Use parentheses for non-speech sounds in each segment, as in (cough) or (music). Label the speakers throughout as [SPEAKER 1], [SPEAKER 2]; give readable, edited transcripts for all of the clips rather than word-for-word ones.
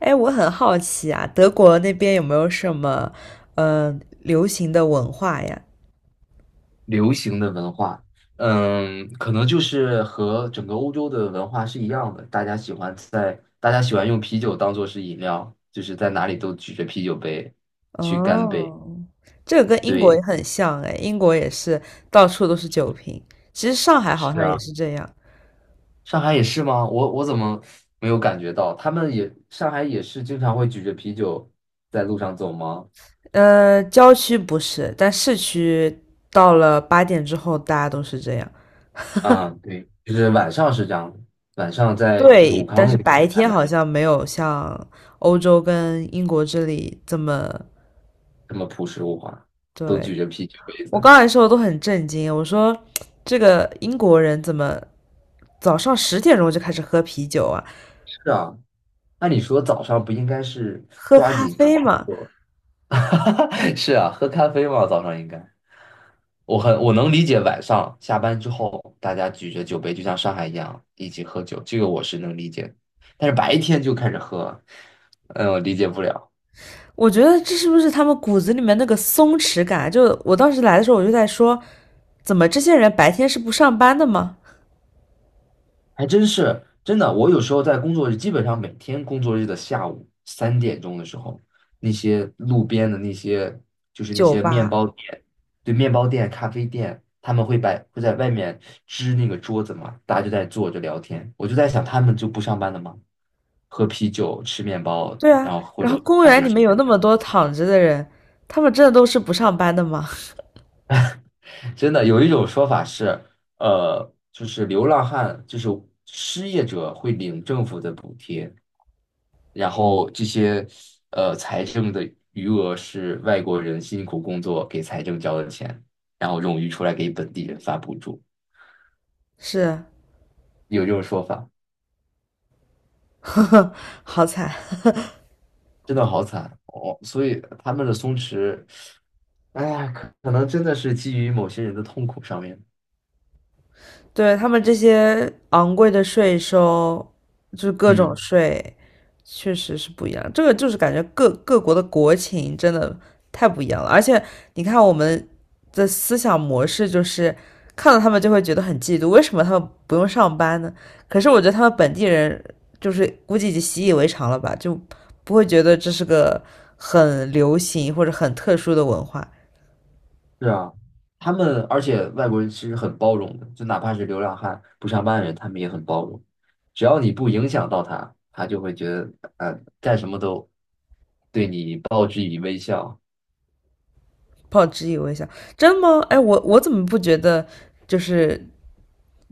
[SPEAKER 1] 哎，我很好奇啊，德国那边有没有什么流行的文化呀？
[SPEAKER 2] 流行的文化。可能就是和整个欧洲的文化是一样的，大家喜欢用啤酒当做是饮料，就是在哪里都举着啤酒杯去干杯。
[SPEAKER 1] 哦，这个跟英国也
[SPEAKER 2] 对。
[SPEAKER 1] 很像哎，英国也是到处都是酒瓶。其实上海好
[SPEAKER 2] 是
[SPEAKER 1] 像也
[SPEAKER 2] 啊，
[SPEAKER 1] 是这样，
[SPEAKER 2] 上海也是吗？我怎么没有感觉到？他们也上海也是经常会举着啤酒在路上走吗？
[SPEAKER 1] 郊区不是，但市区到了8点之后，大家都是这样。
[SPEAKER 2] 啊，对，就是晚上是这样的，晚上在就是
[SPEAKER 1] 对，
[SPEAKER 2] 武
[SPEAKER 1] 但
[SPEAKER 2] 康路那
[SPEAKER 1] 是
[SPEAKER 2] 边
[SPEAKER 1] 白
[SPEAKER 2] 他
[SPEAKER 1] 天
[SPEAKER 2] 们
[SPEAKER 1] 好像没有像欧洲跟英国这里这么，
[SPEAKER 2] 这么朴实无华，都
[SPEAKER 1] 对，
[SPEAKER 2] 举着啤酒杯
[SPEAKER 1] 我刚
[SPEAKER 2] 子。
[SPEAKER 1] 才说的都很震惊，我说这个英国人怎么早上10点钟就开始喝啤酒啊，
[SPEAKER 2] 是啊，按理说早上不应该是
[SPEAKER 1] 喝
[SPEAKER 2] 抓
[SPEAKER 1] 咖
[SPEAKER 2] 紧
[SPEAKER 1] 啡
[SPEAKER 2] 创？
[SPEAKER 1] 嘛？
[SPEAKER 2] (laughs) 是啊，喝咖啡嘛，早上应该。我能理解晚上下班之后大家举着酒杯，就像上海一样一起喝酒，这个我是能理解的。但是白天就开始喝，嗯，我理解不了。
[SPEAKER 1] 我觉得这是不是他们骨子里面那个松弛感？就我当时来的时候，我就在说，怎么这些人白天是不上班的吗？
[SPEAKER 2] 还真是真的。我有时候在工作日，基本上每天工作日的下午3点钟的时候，那些路边的那些就是那
[SPEAKER 1] 酒
[SPEAKER 2] 些面
[SPEAKER 1] 吧，
[SPEAKER 2] 包店，对面包店、咖啡店，他们会在外面支那个桌子嘛，大家就在坐着聊天。我就在想，他们就不上班了吗？喝啤酒、吃面包，
[SPEAKER 1] 对啊，
[SPEAKER 2] 然后或
[SPEAKER 1] 然
[SPEAKER 2] 者
[SPEAKER 1] 后
[SPEAKER 2] 喝
[SPEAKER 1] 公
[SPEAKER 2] 咖
[SPEAKER 1] 园
[SPEAKER 2] 啡
[SPEAKER 1] 里
[SPEAKER 2] 之
[SPEAKER 1] 面有
[SPEAKER 2] 类的。
[SPEAKER 1] 那么多躺着的人，他们真的都是不上班的吗？
[SPEAKER 2] 真的有一种说法是，就是流浪汉，就是失业者会领政府的补贴。然后这些财政的余额是外国人辛苦工作给财政交的钱，然后冗余出来给本地人发补助，
[SPEAKER 1] (laughs) 是，
[SPEAKER 2] 有这种说法，
[SPEAKER 1] 呵呵，好惨。
[SPEAKER 2] 真的好惨哦。所以他们的松弛，哎呀，可能真的是基于某些人的痛苦上面。
[SPEAKER 1] 对，他们这些昂贵的税收，就是各种
[SPEAKER 2] 嗯，
[SPEAKER 1] 税，确实是不一样。这个就是感觉各国的国情真的太不一样了。而且你看我们的思想模式，就是看到他们就会觉得很嫉妒，为什么他们不用上班呢？可是我觉得他们本地人就是估计已经习以为常了吧，就不会觉得这是个很流行或者很特殊的文化。
[SPEAKER 2] 是啊，而且外国人其实很包容的，就哪怕是流浪汉、不上班的人，他们也很包容。只要你不影响到他，他就会觉得，干什么都对你报之以微笑。
[SPEAKER 1] 不好以疑我一下真的吗？哎，我怎么不觉得？就是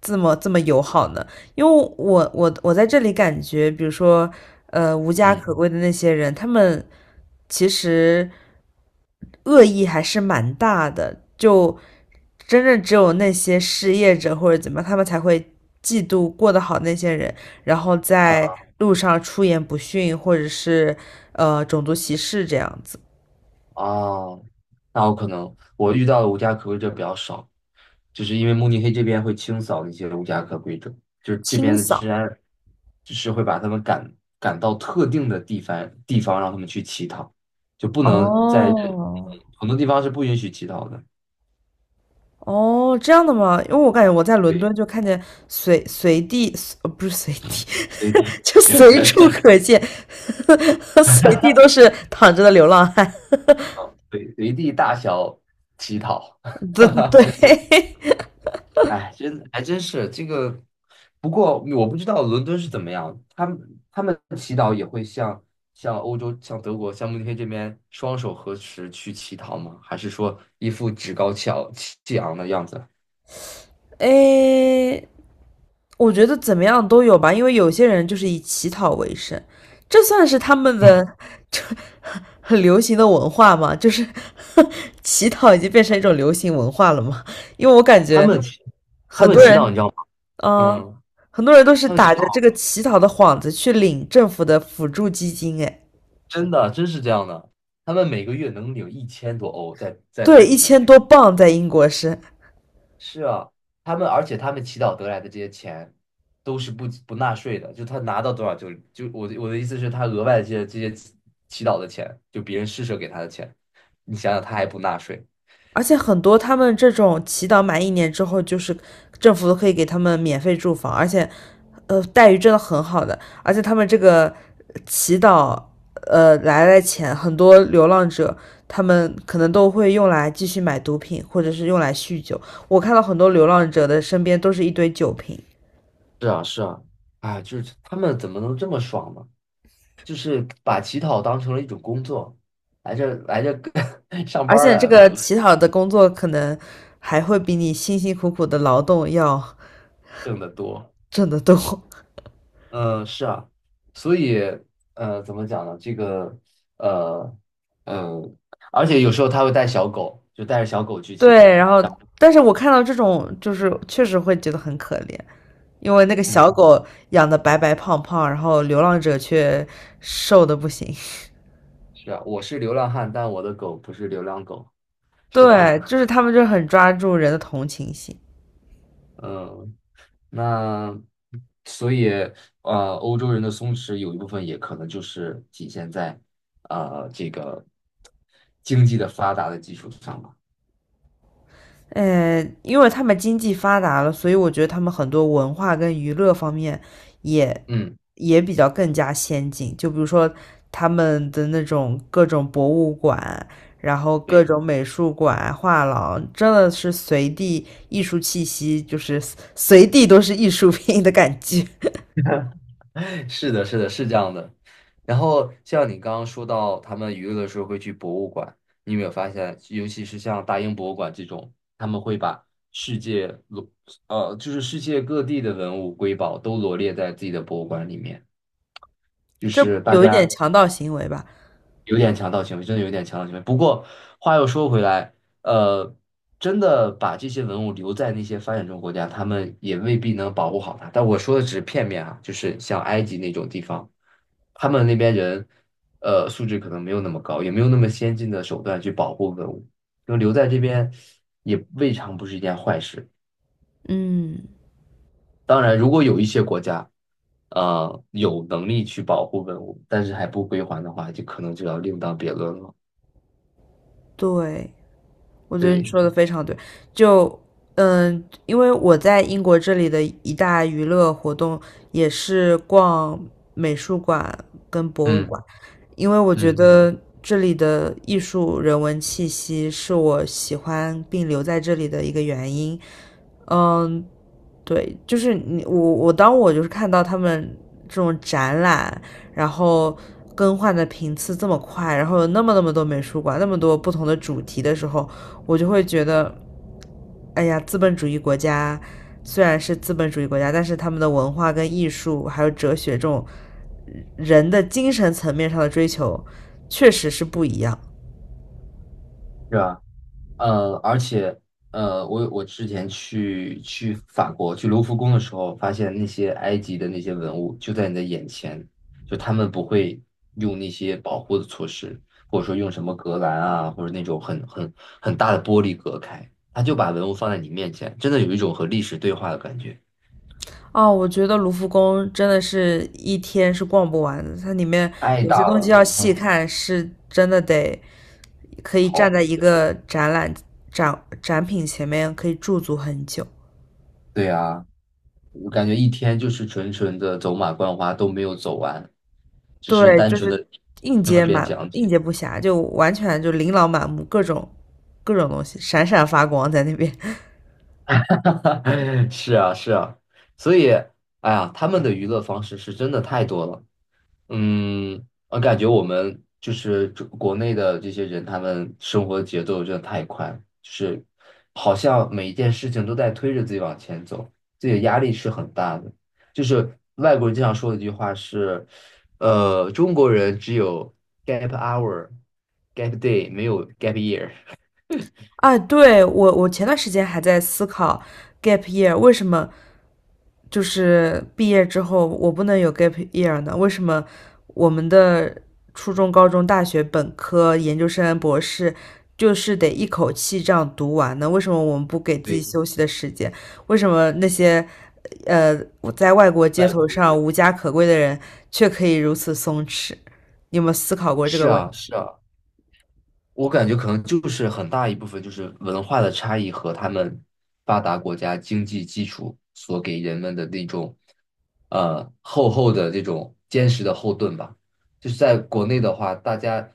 [SPEAKER 1] 这么友好呢？因为我在这里感觉，比如说，无家
[SPEAKER 2] 嗯。
[SPEAKER 1] 可归的那些人，他们其实恶意还是蛮大的，就真正只有那些失业者或者怎么样，他们才会嫉妒过得好那些人，然后在
[SPEAKER 2] 啊。
[SPEAKER 1] 路上出言不逊，或者是种族歧视这样子
[SPEAKER 2] 哦。那我可能我遇到的无家可归者比较少，就是因为慕尼黑这边会清扫那些无家可归者，就是这
[SPEAKER 1] 清
[SPEAKER 2] 边的治
[SPEAKER 1] 扫。
[SPEAKER 2] 安，就是会把他们赶到特定的地方让他们去乞讨，就不能在
[SPEAKER 1] 哦，
[SPEAKER 2] 很多地方是不允许乞讨的。
[SPEAKER 1] 哦，这样的吗？因为我感觉我在伦
[SPEAKER 2] 对。
[SPEAKER 1] 敦就看见随地，不是随地，
[SPEAKER 2] 随
[SPEAKER 1] (laughs)
[SPEAKER 2] 地。
[SPEAKER 1] 就随处可见，(laughs) 随地都是躺着的流浪汉。
[SPEAKER 2] 对，随地大小乞讨。
[SPEAKER 1] (laughs) 对对，
[SPEAKER 2] 哎，真还真是这个，不过我不知道伦敦是怎么样，他们祈祷也会像欧洲、像德国、像慕尼黑这边双手合十去乞讨吗？还是说一副趾高气昂的样子？
[SPEAKER 1] (laughs) 诶，我觉得怎么样都有吧，因为有些人就是以乞讨为生，这算是他们
[SPEAKER 2] 嗯，
[SPEAKER 1] 的这 (laughs) 很流行的文化嘛，就是 (laughs) 乞讨已经变成一种流行文化了嘛，因为我感
[SPEAKER 2] 他
[SPEAKER 1] 觉
[SPEAKER 2] 们祈他
[SPEAKER 1] 很
[SPEAKER 2] 们
[SPEAKER 1] 多
[SPEAKER 2] 祈祷
[SPEAKER 1] 人
[SPEAKER 2] 你知道吗？
[SPEAKER 1] 嗯，
[SPEAKER 2] 嗯，
[SPEAKER 1] 很多人都是
[SPEAKER 2] 他们祈
[SPEAKER 1] 打着这
[SPEAKER 2] 祷。
[SPEAKER 1] 个乞讨的幌子去领政府的辅助基金，哎，
[SPEAKER 2] 真的真是这样的，他们每个月能领1000多欧在慕
[SPEAKER 1] 对，一
[SPEAKER 2] 尼黑。
[SPEAKER 1] 千多镑在英国是，
[SPEAKER 2] 是啊，他们祈祷得来的这些钱都是不纳税的，就他拿到多少就我的意思是，他额外的这些祈祷的钱，就别人施舍给他的钱，你想想他还不纳税。
[SPEAKER 1] 而且很多他们这种祈祷满1年之后，就是政府都可以给他们免费住房，而且，待遇真的很好的，而且他们这个祈祷，来的钱，很多流浪者他们可能都会用来继续买毒品，或者是用来酗酒。我看到很多流浪者的身边都是一堆酒瓶。
[SPEAKER 2] 是啊，是啊，啊，就是他们怎么能这么爽呢？就是把乞讨当成了一种工作，来这 (laughs) 上
[SPEAKER 1] 而
[SPEAKER 2] 班儿
[SPEAKER 1] 且这
[SPEAKER 2] 来
[SPEAKER 1] 个
[SPEAKER 2] 了。
[SPEAKER 1] 乞讨的工作可能还会比你辛辛苦苦的劳动要
[SPEAKER 2] 挣得多。
[SPEAKER 1] 挣得多。(laughs)
[SPEAKER 2] 嗯，是啊，所以，怎么讲呢？呃，嗯，而且有时候他会带小狗，就带着小狗去乞
[SPEAKER 1] 对，
[SPEAKER 2] 讨。
[SPEAKER 1] 然后但是我看到这种就是确实会觉得很可怜，因为那个小
[SPEAKER 2] 嗯，
[SPEAKER 1] 狗养的白白胖胖，然后流浪者却瘦的不行。
[SPEAKER 2] 是啊，我是流浪汉，但我的狗不是流浪狗，
[SPEAKER 1] (laughs)
[SPEAKER 2] 是吧？
[SPEAKER 1] 对，就是他们就很抓住人的同情心。
[SPEAKER 2] (laughs) 嗯，那所以，欧洲人的松弛有一部分也可能就是体现在，这个经济的发达的基础上吧。
[SPEAKER 1] 因为他们经济发达了，所以我觉得他们很多文化跟娱乐方面也
[SPEAKER 2] 嗯，
[SPEAKER 1] 比较更加先进。就比如说他们的那种各种博物馆，然后各
[SPEAKER 2] 对。
[SPEAKER 1] 种美术馆、画廊，真的是随地艺术气息，就是随地都是艺术品的感觉。
[SPEAKER 2] 是的，是的，是这样的。然后像你刚刚说到，他们娱乐的时候会去博物馆，你有没有发现，尤其是像大英博物馆这种，他们会把世界罗，呃，就是世界各地的文物瑰宝都罗列在自己的博物馆里面，就
[SPEAKER 1] (laughs) 这
[SPEAKER 2] 是大
[SPEAKER 1] 有一点
[SPEAKER 2] 家
[SPEAKER 1] 强盗行为吧？
[SPEAKER 2] 有点强盗行为，真的有点强盗行为。不过话又说回来，呃，真的把这些文物留在那些发展中国家，他们也未必能保护好它。但我说的只是片面啊，就是像埃及那种地方，他们那边人，素质可能没有那么高，也没有那么先进的手段去保护文物，就留在这边也未尝不是一件坏事。
[SPEAKER 1] 嗯，
[SPEAKER 2] 当然，如果有一些国家，有能力去保护文物，但是还不归还的话，就可能就要另当别论了。
[SPEAKER 1] 对。我觉得你
[SPEAKER 2] 对。
[SPEAKER 1] 说的非常对，就嗯，因为我在英国这里的一大娱乐活动也是逛美术馆跟博物馆，
[SPEAKER 2] 嗯。
[SPEAKER 1] 因为我觉
[SPEAKER 2] 嗯，
[SPEAKER 1] 得这里的艺术人文气息是我喜欢并留在这里的一个原因。嗯，对，就是你我当我就是看到他们这种展览，然后更换的频次这么快，然后有那么多美术馆，那么多不同的主题的时候，我就会觉得，哎呀，资本主义国家虽然是资本主义国家，但是他们的文化跟艺术还有哲学这种人的精神层面上的追求，确实是不一样。
[SPEAKER 2] 是啊，而且，我之前去法国去卢浮宫的时候，发现那些埃及的那些文物就在你的眼前，就他们不会用那些保护的措施，或者说用什么隔栏啊，或者那种很大的玻璃隔开，他就把文物放在你面前，真的有一种和历史对话的感觉。
[SPEAKER 1] 哦，我觉得卢浮宫真的是一天是逛不完的，它里面
[SPEAKER 2] 太
[SPEAKER 1] 有些
[SPEAKER 2] 大
[SPEAKER 1] 东西
[SPEAKER 2] 了。
[SPEAKER 1] 要
[SPEAKER 2] 嗯。
[SPEAKER 1] 细看，是真的得可以站
[SPEAKER 2] 好。
[SPEAKER 1] 在一个展览展品前面可以驻足很久。
[SPEAKER 2] 对呀。我感觉一天就是纯纯的走马观花都没有走完，只是
[SPEAKER 1] 对，
[SPEAKER 2] 单
[SPEAKER 1] 就
[SPEAKER 2] 纯
[SPEAKER 1] 是
[SPEAKER 2] 的听了遍讲
[SPEAKER 1] 应
[SPEAKER 2] 解。
[SPEAKER 1] 接不暇，就完全就琳琅满目，各种各种东西闪闪发光在那边。(laughs)
[SPEAKER 2] (laughs) 是啊，是啊，所以，哎呀，他们的娱乐方式是真的太多了。嗯，我感觉我们就是中国内的这些人，他们生活节奏真的太快了，就是好像每一件事情都在推着自己往前走，自己的压力是很大的。就是外国人经常说的一句话是，中国人只有 gap hour、gap day,没有 gap year。
[SPEAKER 1] 啊，对，我前段时间还在思考 gap year 为什么就是毕业之后我不能有 gap year 呢？为什么我们的初中、高中、大学、本科、研究生、博士就是得一口气这样读完呢？为什么我们不给自己
[SPEAKER 2] 对，
[SPEAKER 1] 休息的时间？为什么那些呃在外国街
[SPEAKER 2] 外
[SPEAKER 1] 头
[SPEAKER 2] 国人。
[SPEAKER 1] 上无家可归的人却可以如此松弛？你有没有思考过这
[SPEAKER 2] 是
[SPEAKER 1] 个问
[SPEAKER 2] 啊，是
[SPEAKER 1] 题？
[SPEAKER 2] 啊。我感觉可能就是很大一部分就是文化的差异和他们发达国家经济基础所给人们的那种厚厚的这种坚实的后盾吧。就是在国内的话，大家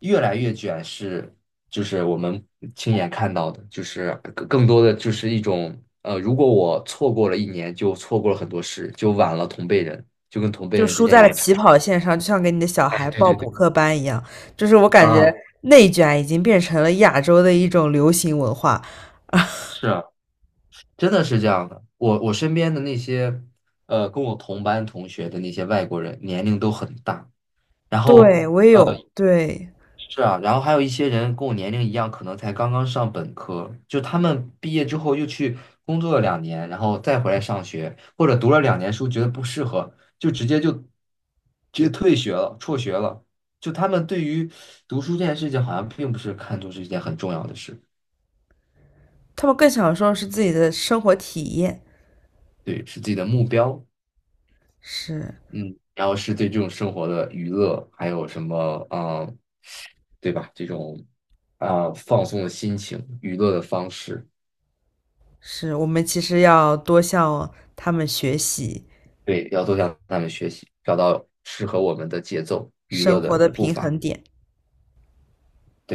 [SPEAKER 2] 越来越卷是，就是我们亲眼看到的，就是更多的就是一种，如果我错过了一年，就错过了很多事，就晚了同辈人，就跟同辈
[SPEAKER 1] 就
[SPEAKER 2] 人之
[SPEAKER 1] 输
[SPEAKER 2] 间
[SPEAKER 1] 在
[SPEAKER 2] 有
[SPEAKER 1] 了
[SPEAKER 2] 了差
[SPEAKER 1] 起
[SPEAKER 2] 距。
[SPEAKER 1] 跑线上，就像给你的小
[SPEAKER 2] 哎，
[SPEAKER 1] 孩
[SPEAKER 2] 对
[SPEAKER 1] 报
[SPEAKER 2] 对
[SPEAKER 1] 补
[SPEAKER 2] 对，
[SPEAKER 1] 课班一样。就是我感觉
[SPEAKER 2] 啊，
[SPEAKER 1] 内卷已经变成了亚洲的一种流行文化，
[SPEAKER 2] 是啊，真的是这样的，我身边的那些，跟我同班同学的那些外国人，年龄都很大。然后
[SPEAKER 1] 对，我也有，对，
[SPEAKER 2] 是啊，然后还有一些人跟我年龄一样，可能才刚刚上本科，就他们毕业之后又去工作了两年，然后再回来上学，或者读了两年书觉得不适合，就直接退学了，辍学了。就他们对于读书这件事情，好像并不是看作是一件很重要的事，
[SPEAKER 1] 他们更享受是自己的生活体验，
[SPEAKER 2] 对，是自己的目标，
[SPEAKER 1] 是
[SPEAKER 2] 嗯，然后是对这种生活的娱乐，还有什么啊、对吧？这种啊、放松的心情、娱乐的方式，
[SPEAKER 1] 是，我们其实要多向他们学习
[SPEAKER 2] 对，要多向他们学习，找到适合我们的节奏、娱
[SPEAKER 1] 生
[SPEAKER 2] 乐
[SPEAKER 1] 活
[SPEAKER 2] 的
[SPEAKER 1] 的
[SPEAKER 2] 步
[SPEAKER 1] 平
[SPEAKER 2] 伐。对。
[SPEAKER 1] 衡点。